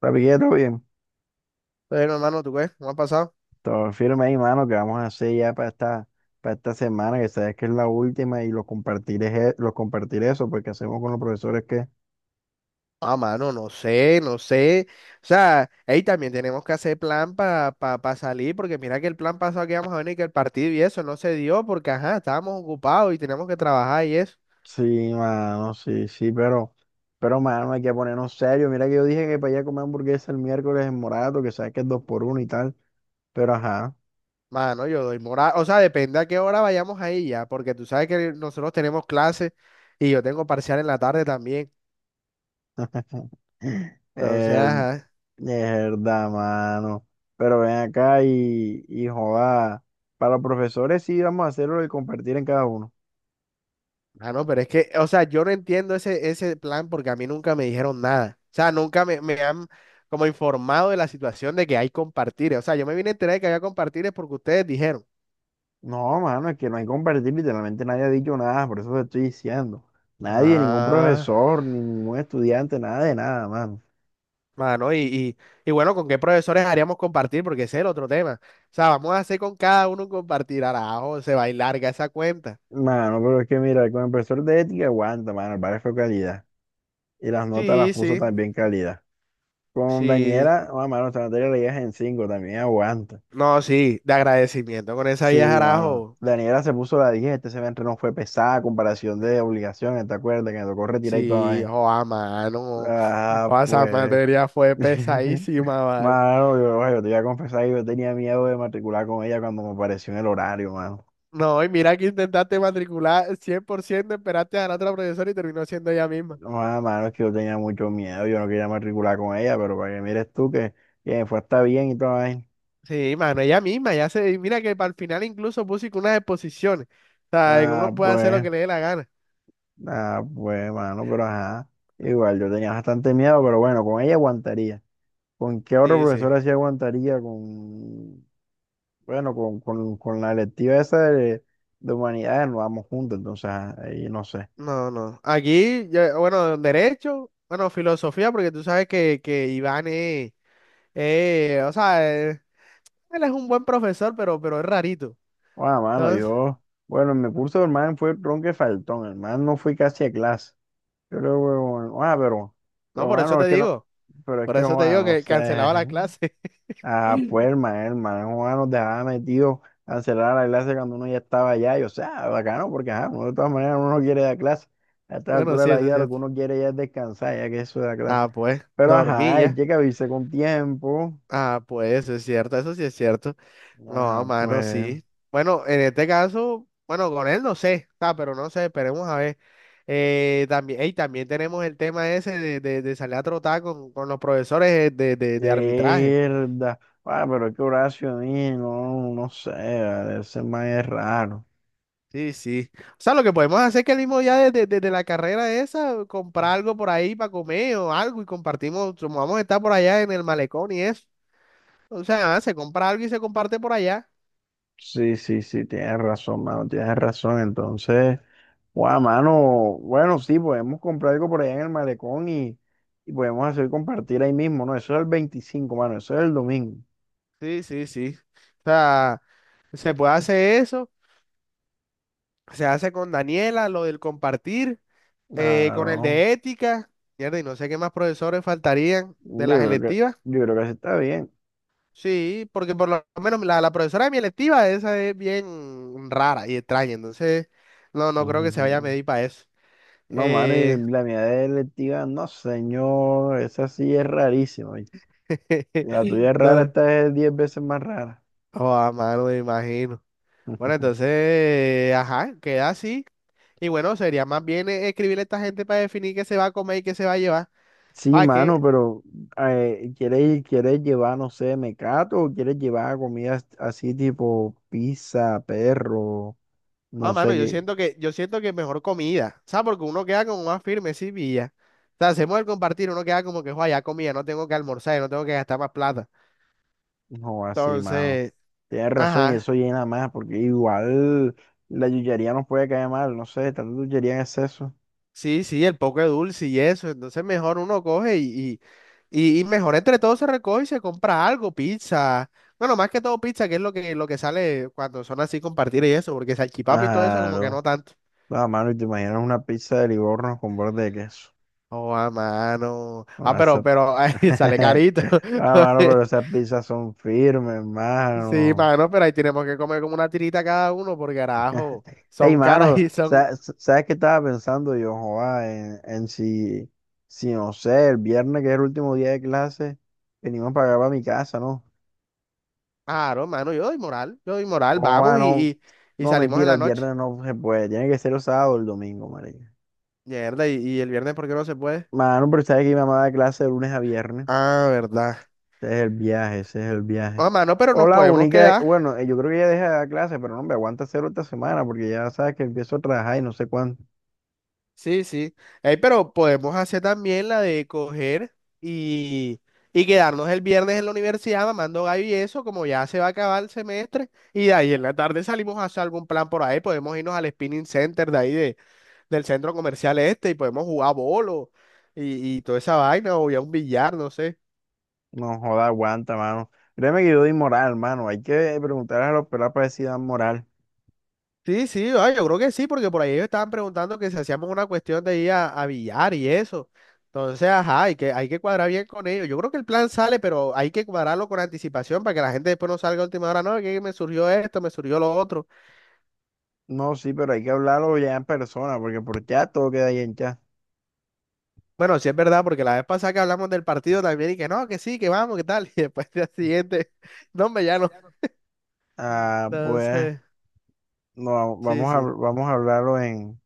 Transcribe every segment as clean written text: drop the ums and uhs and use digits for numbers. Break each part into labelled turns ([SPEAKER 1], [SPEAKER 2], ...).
[SPEAKER 1] Papi, ¿qué? Todo bien.
[SPEAKER 2] Bueno, hermano, ¿tú qué? ¿Cómo ha pasado?
[SPEAKER 1] Todo firme ahí, mano, que vamos a hacer ya para esta semana, que sabes que es la última, y lo compartiré eso, porque hacemos con los profesores que.
[SPEAKER 2] Ah, mano, no sé. O sea, ahí también tenemos que hacer plan para pa salir, porque mira que el plan pasado que íbamos a venir, que el partido y eso no se dio, porque ajá, estábamos ocupados y teníamos que trabajar y eso.
[SPEAKER 1] Sí, mano, sí, sí, pero, mano, hay que ponernos serios. Mira que yo dije que para allá comer hamburguesa el miércoles en Morato, que sabes que es dos por uno y tal, pero ajá.
[SPEAKER 2] Mano, yo doy moral. O sea, depende a qué hora vayamos ahí ya, porque tú sabes que nosotros tenemos clases y yo tengo parcial en la tarde también. Entonces,
[SPEAKER 1] Eh,
[SPEAKER 2] ajá.
[SPEAKER 1] es verdad, mano. Pero ven acá y joda. Para los profesores sí vamos a hacerlo y compartir en cada uno.
[SPEAKER 2] Ah, no, pero es que, o sea, yo no entiendo ese plan porque a mí nunca me dijeron nada. O sea, nunca me han como informado de la situación de que hay compartires. O sea, yo me vine a enterar de que había compartires porque ustedes dijeron.
[SPEAKER 1] No, mano, es que no hay que compartir, literalmente nadie ha dicho nada, por eso te estoy diciendo. Nadie, ningún
[SPEAKER 2] Ah,
[SPEAKER 1] profesor, ni ningún estudiante, nada de nada, mano.
[SPEAKER 2] mano, y bueno, ¿con qué profesores haríamos compartir? Porque ese es el otro tema. O sea, vamos a hacer con cada uno un compartir. Arajo, se va a ir larga esa cuenta.
[SPEAKER 1] Mano, pero es que mira, con el profesor de ética aguanta, mano, el padre fue calidad. Y las notas las
[SPEAKER 2] Sí,
[SPEAKER 1] puso
[SPEAKER 2] sí,
[SPEAKER 1] también calidad. Con
[SPEAKER 2] sí.
[SPEAKER 1] Daniela, ah, mano, esta materia la llevas en 5 también aguanta.
[SPEAKER 2] No, sí, de agradecimiento con esa vieja,
[SPEAKER 1] Sí, mano.
[SPEAKER 2] arajo.
[SPEAKER 1] Daniela se puso la 10, este semestre no fue pesada, a comparación de obligaciones, ¿te acuerdas? Que me tocó retirar y toda
[SPEAKER 2] Sí,
[SPEAKER 1] vaina.
[SPEAKER 2] o a mano.
[SPEAKER 1] Ah,
[SPEAKER 2] O esa
[SPEAKER 1] pues.
[SPEAKER 2] materia fue pesadísima, ¿vale?
[SPEAKER 1] Mano, yo te voy a confesar que yo tenía miedo de matricular con ella cuando me apareció en el horario, mano.
[SPEAKER 2] No, y mira que intentaste matricular 100%, esperaste a la otra profesora y terminó siendo ella misma.
[SPEAKER 1] No, mano, es que yo tenía mucho miedo, yo no quería matricular con ella, pero para que mires tú que me fue hasta bien y todo ahí.
[SPEAKER 2] Sí, mano, ella misma, ya se, y mira que para el final incluso puso que unas exposiciones, o sea, que
[SPEAKER 1] Ah,
[SPEAKER 2] uno puede hacer lo
[SPEAKER 1] pues,
[SPEAKER 2] que le dé la gana.
[SPEAKER 1] ah, pues, mano, pero ajá. Igual, yo tenía bastante miedo, pero bueno, con ella aguantaría. ¿Con qué otro
[SPEAKER 2] Sí, sí.
[SPEAKER 1] profesor así aguantaría? Bueno, con la electiva esa de humanidades nos vamos juntos, entonces, ajá, ahí no sé.
[SPEAKER 2] No, no. Aquí, bueno, derecho, bueno, filosofía, porque tú sabes que Iván es, o sea, eh, él es un buen profesor, pero es rarito.
[SPEAKER 1] Ah, mano,
[SPEAKER 2] Entonces,
[SPEAKER 1] bueno, en mi curso, hermano, fue ronque faltón, hermano, no fui casi a clase. Yo le digo, "Bueno, pero,
[SPEAKER 2] no,
[SPEAKER 1] pero,
[SPEAKER 2] por eso
[SPEAKER 1] hermano, es
[SPEAKER 2] te
[SPEAKER 1] que no,
[SPEAKER 2] digo.
[SPEAKER 1] pero es
[SPEAKER 2] Por
[SPEAKER 1] que,
[SPEAKER 2] eso te
[SPEAKER 1] Juan,
[SPEAKER 2] digo
[SPEAKER 1] no
[SPEAKER 2] que cancelaba
[SPEAKER 1] sé".
[SPEAKER 2] la clase.
[SPEAKER 1] Ah, pues, hermano, Juan nos dejaba metido a cerrar la clase cuando uno ya estaba allá, y o sea, bacano, porque, ajá, uno de todas maneras uno no quiere dar clase. A esta
[SPEAKER 2] Bueno,
[SPEAKER 1] altura de
[SPEAKER 2] sí,
[SPEAKER 1] la
[SPEAKER 2] eso es
[SPEAKER 1] vida lo que
[SPEAKER 2] cierto.
[SPEAKER 1] uno quiere ya es descansar, ya que eso de la clase.
[SPEAKER 2] Ah, pues,
[SPEAKER 1] Pero, ajá,
[SPEAKER 2] dormí
[SPEAKER 1] hay
[SPEAKER 2] ya.
[SPEAKER 1] que avisar con tiempo.
[SPEAKER 2] Ah, pues, eso es cierto, eso sí es cierto. No,
[SPEAKER 1] Ajá,
[SPEAKER 2] mano,
[SPEAKER 1] pues.
[SPEAKER 2] sí. Bueno, en este caso, bueno, con él no sé, ah, pero no sé, esperemos a ver. También, ey, también tenemos el tema ese de, de salir a trotar con los profesores de, de arbitraje.
[SPEAKER 1] Mierda. Ah, pero es que Horacio, ahí, no, no sé, vale, ese man es raro.
[SPEAKER 2] Sí, sí. O sea, lo que podemos hacer es que el mismo día desde desde la carrera esa, comprar algo por ahí para comer o algo y compartimos, como vamos a estar por allá en el malecón y eso. O sea, se compra algo y se comparte por allá.
[SPEAKER 1] Sí, sí, sí, tienes razón, mano, tienes razón. Entonces, guau, mano, bueno, sí, podemos comprar algo por allá en el malecón y podemos hacer compartir ahí mismo, ¿no? Eso es el 25, mano, eso es el domingo.
[SPEAKER 2] Sí, sí, sí. O sea, se puede hacer eso. Se hace con Daniela, lo del compartir, con el
[SPEAKER 1] Claro.
[SPEAKER 2] de ética. Mierda, y no sé qué más profesores faltarían
[SPEAKER 1] Yo
[SPEAKER 2] de las
[SPEAKER 1] creo que,
[SPEAKER 2] electivas.
[SPEAKER 1] yo creo que así está bien.
[SPEAKER 2] Sí, porque por lo menos la, la profesora de mi electiva, esa es bien rara y extraña. Entonces, no, no creo que se vaya a
[SPEAKER 1] Ujú.
[SPEAKER 2] medir para eso.
[SPEAKER 1] No, mano, y
[SPEAKER 2] Eh,
[SPEAKER 1] la mía de electiva, no, señor, esa sí es rarísima. La tuya es rara,
[SPEAKER 2] no,
[SPEAKER 1] esta es 10 veces más rara.
[SPEAKER 2] oh, a mano, me imagino. Bueno, entonces, ajá, queda así. Y bueno, sería más bien escribirle a esta gente para definir qué se va a comer y qué se va a llevar.
[SPEAKER 1] Sí,
[SPEAKER 2] Ah, es
[SPEAKER 1] mano,
[SPEAKER 2] que,
[SPEAKER 1] pero ¿quieres llevar, no sé, mecato o quieres llevar comidas así tipo pizza, perro,
[SPEAKER 2] ah,
[SPEAKER 1] no
[SPEAKER 2] mano,
[SPEAKER 1] sé
[SPEAKER 2] yo
[SPEAKER 1] qué?
[SPEAKER 2] siento que, yo siento que mejor comida. ¿Sabes? Porque uno queda como más firme, sí, pilla. O sea, hacemos el compartir, uno queda como que, "Joa, ya comida, no tengo que almorzar, no tengo que gastar más plata."
[SPEAKER 1] No, así, mano.
[SPEAKER 2] Entonces,
[SPEAKER 1] Tienes razón y
[SPEAKER 2] ajá.
[SPEAKER 1] eso llena más porque igual la yuyería nos puede caer mal, no sé, tanta yuyería en exceso.
[SPEAKER 2] Sí, sí, el poco de dulce y eso. Entonces mejor uno coge y, y mejor entre todos se recoge y se compra algo, pizza. Bueno, más que todo pizza, que es lo que sale cuando son así compartir y eso, porque salchipapa y todo eso como que
[SPEAKER 1] Claro.
[SPEAKER 2] no tanto.
[SPEAKER 1] Ah, mano, y te imaginas una pizza de Livorno con borde de queso.
[SPEAKER 2] Oh, a mano. Ah,
[SPEAKER 1] No,
[SPEAKER 2] pero ay, sale carito.
[SPEAKER 1] Ah, mano, pero esas pizzas son firmes,
[SPEAKER 2] Sí,
[SPEAKER 1] mano.
[SPEAKER 2] mano, pero ahí tenemos que comer como una tirita cada uno, por carajo,
[SPEAKER 1] Ey,
[SPEAKER 2] son caras
[SPEAKER 1] mano,
[SPEAKER 2] y son...
[SPEAKER 1] ¿sabes qué estaba pensando yo, joa, En si, no sé, el viernes, que es el último día de clase, venimos para acá, para mi casa, ¿no?
[SPEAKER 2] Claro, mano, yo doy moral,
[SPEAKER 1] Joa,
[SPEAKER 2] vamos
[SPEAKER 1] no,
[SPEAKER 2] y
[SPEAKER 1] no,
[SPEAKER 2] salimos en
[SPEAKER 1] mentira,
[SPEAKER 2] la
[SPEAKER 1] el
[SPEAKER 2] noche.
[SPEAKER 1] viernes no se puede, tiene que ser el sábado o el domingo, marica.
[SPEAKER 2] Mierda, y el viernes, ¿por qué no se puede?
[SPEAKER 1] Mano, pero sabes que mi mamá da clase de lunes a viernes.
[SPEAKER 2] Ah, verdad.
[SPEAKER 1] Ese es el viaje, ese es el viaje.
[SPEAKER 2] Ah, mano, pero
[SPEAKER 1] O
[SPEAKER 2] nos
[SPEAKER 1] la
[SPEAKER 2] podemos
[SPEAKER 1] única,
[SPEAKER 2] quedar.
[SPEAKER 1] bueno, yo creo que ya deja de dar clases, pero no, me aguanta cero esta semana porque ya sabes que empiezo a trabajar y no sé cuánto.
[SPEAKER 2] Sí, sí. Ey, pero podemos hacer también la de coger y, y quedarnos el viernes en la universidad mamando gallo y eso, como ya se va a acabar el semestre. Y de ahí en la tarde salimos a hacer algún plan por ahí. Podemos irnos al spinning center de ahí del centro comercial este y podemos jugar bolo y toda esa vaina o ya un billar, no sé.
[SPEAKER 1] No joda, aguanta, mano. Créeme que yo doy moral, mano. Hay que preguntar a los pelados para ver si dan moral.
[SPEAKER 2] Sí, sí, ah, yo creo que sí, porque por ahí ellos estaban preguntando que si hacíamos una cuestión de ir a billar y eso. Entonces, ajá, hay que cuadrar bien con ellos. Yo creo que el plan sale, pero hay que cuadrarlo con anticipación para que la gente después no salga a última hora. No, que me surgió esto, me surgió lo otro.
[SPEAKER 1] No, sí, pero hay que hablarlo ya en persona porque por chat todo queda ahí en chat.
[SPEAKER 2] Bueno, sí es verdad, porque la vez pasada que hablamos del partido también y que no, que sí, que vamos, que tal. Y después del día siguiente, no, hombre, ya no.
[SPEAKER 1] Ah, pues,
[SPEAKER 2] Entonces,
[SPEAKER 1] no,
[SPEAKER 2] sí,
[SPEAKER 1] vamos a,
[SPEAKER 2] sí.
[SPEAKER 1] vamos a hablarlo en,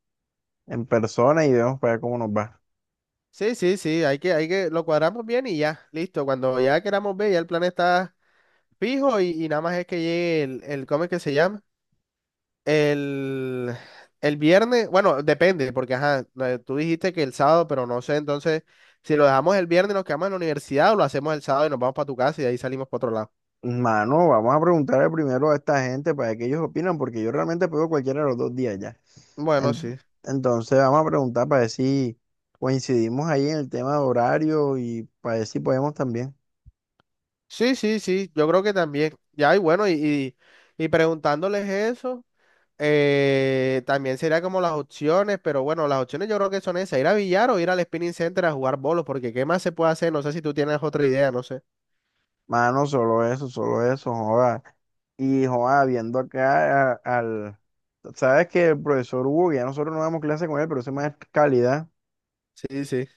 [SPEAKER 1] en persona y vemos para ver cómo nos va.
[SPEAKER 2] Sí, sí, sí, hay que, lo cuadramos bien y ya, listo. Cuando ya queramos ver, ya el plan está fijo y nada más es que llegue el ¿cómo es que se llama? El, el viernes, bueno, depende, porque ajá, no, tú dijiste que el sábado, pero no sé, entonces, si lo dejamos el viernes, nos quedamos en la universidad o lo hacemos el sábado y nos vamos para tu casa y de ahí salimos para otro lado.
[SPEAKER 1] Mano, vamos a preguntarle primero a esta gente para que ellos opinan, porque yo realmente pego cualquiera de los dos días ya.
[SPEAKER 2] Bueno, sí.
[SPEAKER 1] En- Entonces vamos a preguntar para ver si coincidimos ahí en el tema de horario y para ver si podemos también.
[SPEAKER 2] Sí, sí, sí, yo creo que también. Ya, y bueno, y preguntándoles eso, también sería como las opciones, pero bueno, las opciones yo creo que son esas, ir a billar o ir al spinning center a jugar bolos, porque ¿qué más se puede hacer? No sé si tú tienes otra idea, no sé.
[SPEAKER 1] Mano, solo eso, joda. Y joda, viendo acá Sabes que el profesor Hugo, que ya nosotros no damos clase con él, pero ese más es calidad.
[SPEAKER 2] Sí, sí.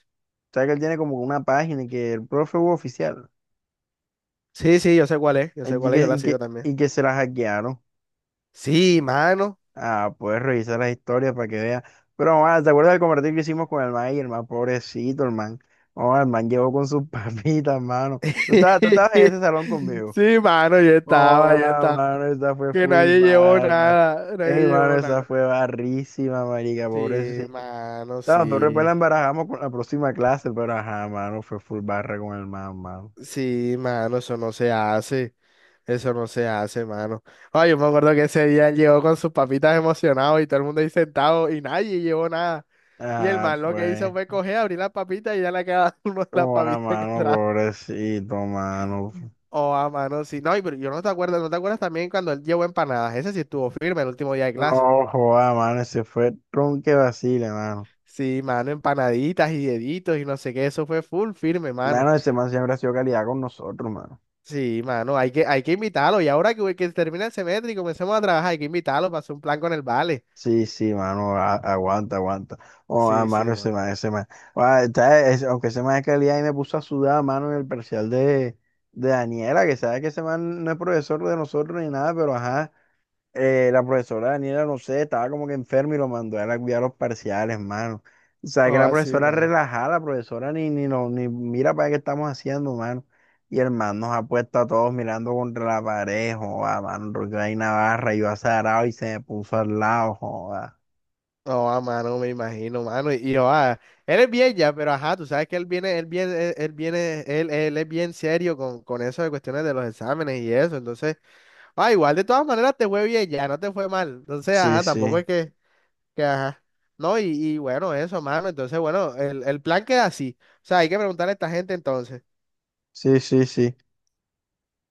[SPEAKER 1] Sabes que él tiene como una página y que el profe Hugo oficial,
[SPEAKER 2] Sí, sí, yo sé cuál es, yo sé
[SPEAKER 1] y
[SPEAKER 2] cuál es,
[SPEAKER 1] que,
[SPEAKER 2] yo la
[SPEAKER 1] y
[SPEAKER 2] sigo
[SPEAKER 1] que,
[SPEAKER 2] también.
[SPEAKER 1] y que se la hackearon.
[SPEAKER 2] Sí, mano.
[SPEAKER 1] Ah, puedes revisar las historias para que veas. Pero, man, ¿te acuerdas del compartir que hicimos con el man? Y el man, pobrecito, el man. Oh, el man llegó con sus papitas, mano. Tú estabas en ese salón conmigo.
[SPEAKER 2] Sí, mano, yo estaba,
[SPEAKER 1] Oh,
[SPEAKER 2] yo
[SPEAKER 1] ah,
[SPEAKER 2] estaba.
[SPEAKER 1] mano, esa fue
[SPEAKER 2] Que
[SPEAKER 1] full
[SPEAKER 2] nadie llevó
[SPEAKER 1] barra.
[SPEAKER 2] nada, nadie
[SPEAKER 1] Ey, mano,
[SPEAKER 2] llevó
[SPEAKER 1] esa
[SPEAKER 2] nada.
[SPEAKER 1] fue barrísima, marica,
[SPEAKER 2] Sí,
[SPEAKER 1] pobrecito.
[SPEAKER 2] mano,
[SPEAKER 1] No, tú después
[SPEAKER 2] sí.
[SPEAKER 1] la embarajamos con la próxima clase, pero ajá, mano, fue full barra con el man, mano.
[SPEAKER 2] Sí, mano, eso no se hace. Eso no se hace, mano. Ay, yo me acuerdo que ese día llegó con sus papitas emocionados y todo el mundo ahí sentado y nadie llevó nada. Y el
[SPEAKER 1] Ah,
[SPEAKER 2] man lo que hizo
[SPEAKER 1] pues.
[SPEAKER 2] fue coger, abrir las papitas y ya le quedaba uno de las
[SPEAKER 1] Oh, ah,
[SPEAKER 2] papitas que
[SPEAKER 1] mano,
[SPEAKER 2] trajo.
[SPEAKER 1] pobrecito, mano.
[SPEAKER 2] Oh, a mano, sí. No, y pero yo no te acuerdas, ¿no te acuerdas también cuando él llevó empanadas? Ese sí estuvo firme el último día de clase.
[SPEAKER 1] No, joda, mano, ese fue tronque vacile, mano.
[SPEAKER 2] Sí, mano, empanaditas y deditos y no sé qué, eso fue full firme, mano.
[SPEAKER 1] Mano, ese man siempre ha sido calidad con nosotros, mano.
[SPEAKER 2] Sí, mano, hay que invitarlo. Y ahora que termina el semestre y comencemos a trabajar, hay que invitarlo para hacer un plan con el vale.
[SPEAKER 1] Sí, sí, mano, aguanta, aguanta. Oh, ah,
[SPEAKER 2] Sí, sí,
[SPEAKER 1] mano, ese
[SPEAKER 2] mano.
[SPEAKER 1] man, ese man. Aunque ese man es calidad y me puso a sudar, mano, en el parcial de Daniela, que sabe que ese man no es profesor de nosotros ni nada, pero ajá. La profesora Daniela, no sé, estaba como que enferma y lo mandó a la cuidar los parciales, mano. O sea, que
[SPEAKER 2] Oh,
[SPEAKER 1] la
[SPEAKER 2] así,
[SPEAKER 1] profesora
[SPEAKER 2] mano.
[SPEAKER 1] relajada, la profesora ni mira para qué estamos haciendo, mano. Y el man nos ha puesto a todos mirando contra la pared, joda, mano, porque hay Navarra, yo azarado y se me puso al lado, joda.
[SPEAKER 2] Oh, a mano, me imagino, mano. Y, oh, ah, él es bien ya, pero ajá, tú sabes que él es bien serio con eso de cuestiones de los exámenes y eso. Entonces. Ah, igual, de todas maneras te fue bien, ya no te fue mal. Entonces,
[SPEAKER 1] Sí,
[SPEAKER 2] ajá, tampoco
[SPEAKER 1] sí,
[SPEAKER 2] es que ajá. No, y bueno, eso, mano. Entonces, bueno, el plan queda así. O sea, hay que preguntarle a esta gente entonces.
[SPEAKER 1] sí, sí, sí.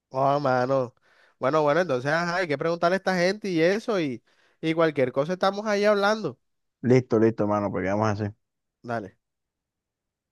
[SPEAKER 2] Oh, mano. Bueno, bueno, entonces, ajá, hay que preguntarle a esta gente y eso, y cualquier cosa estamos ahí hablando.
[SPEAKER 1] Listo, listo, mano, porque vamos así.
[SPEAKER 2] Dale.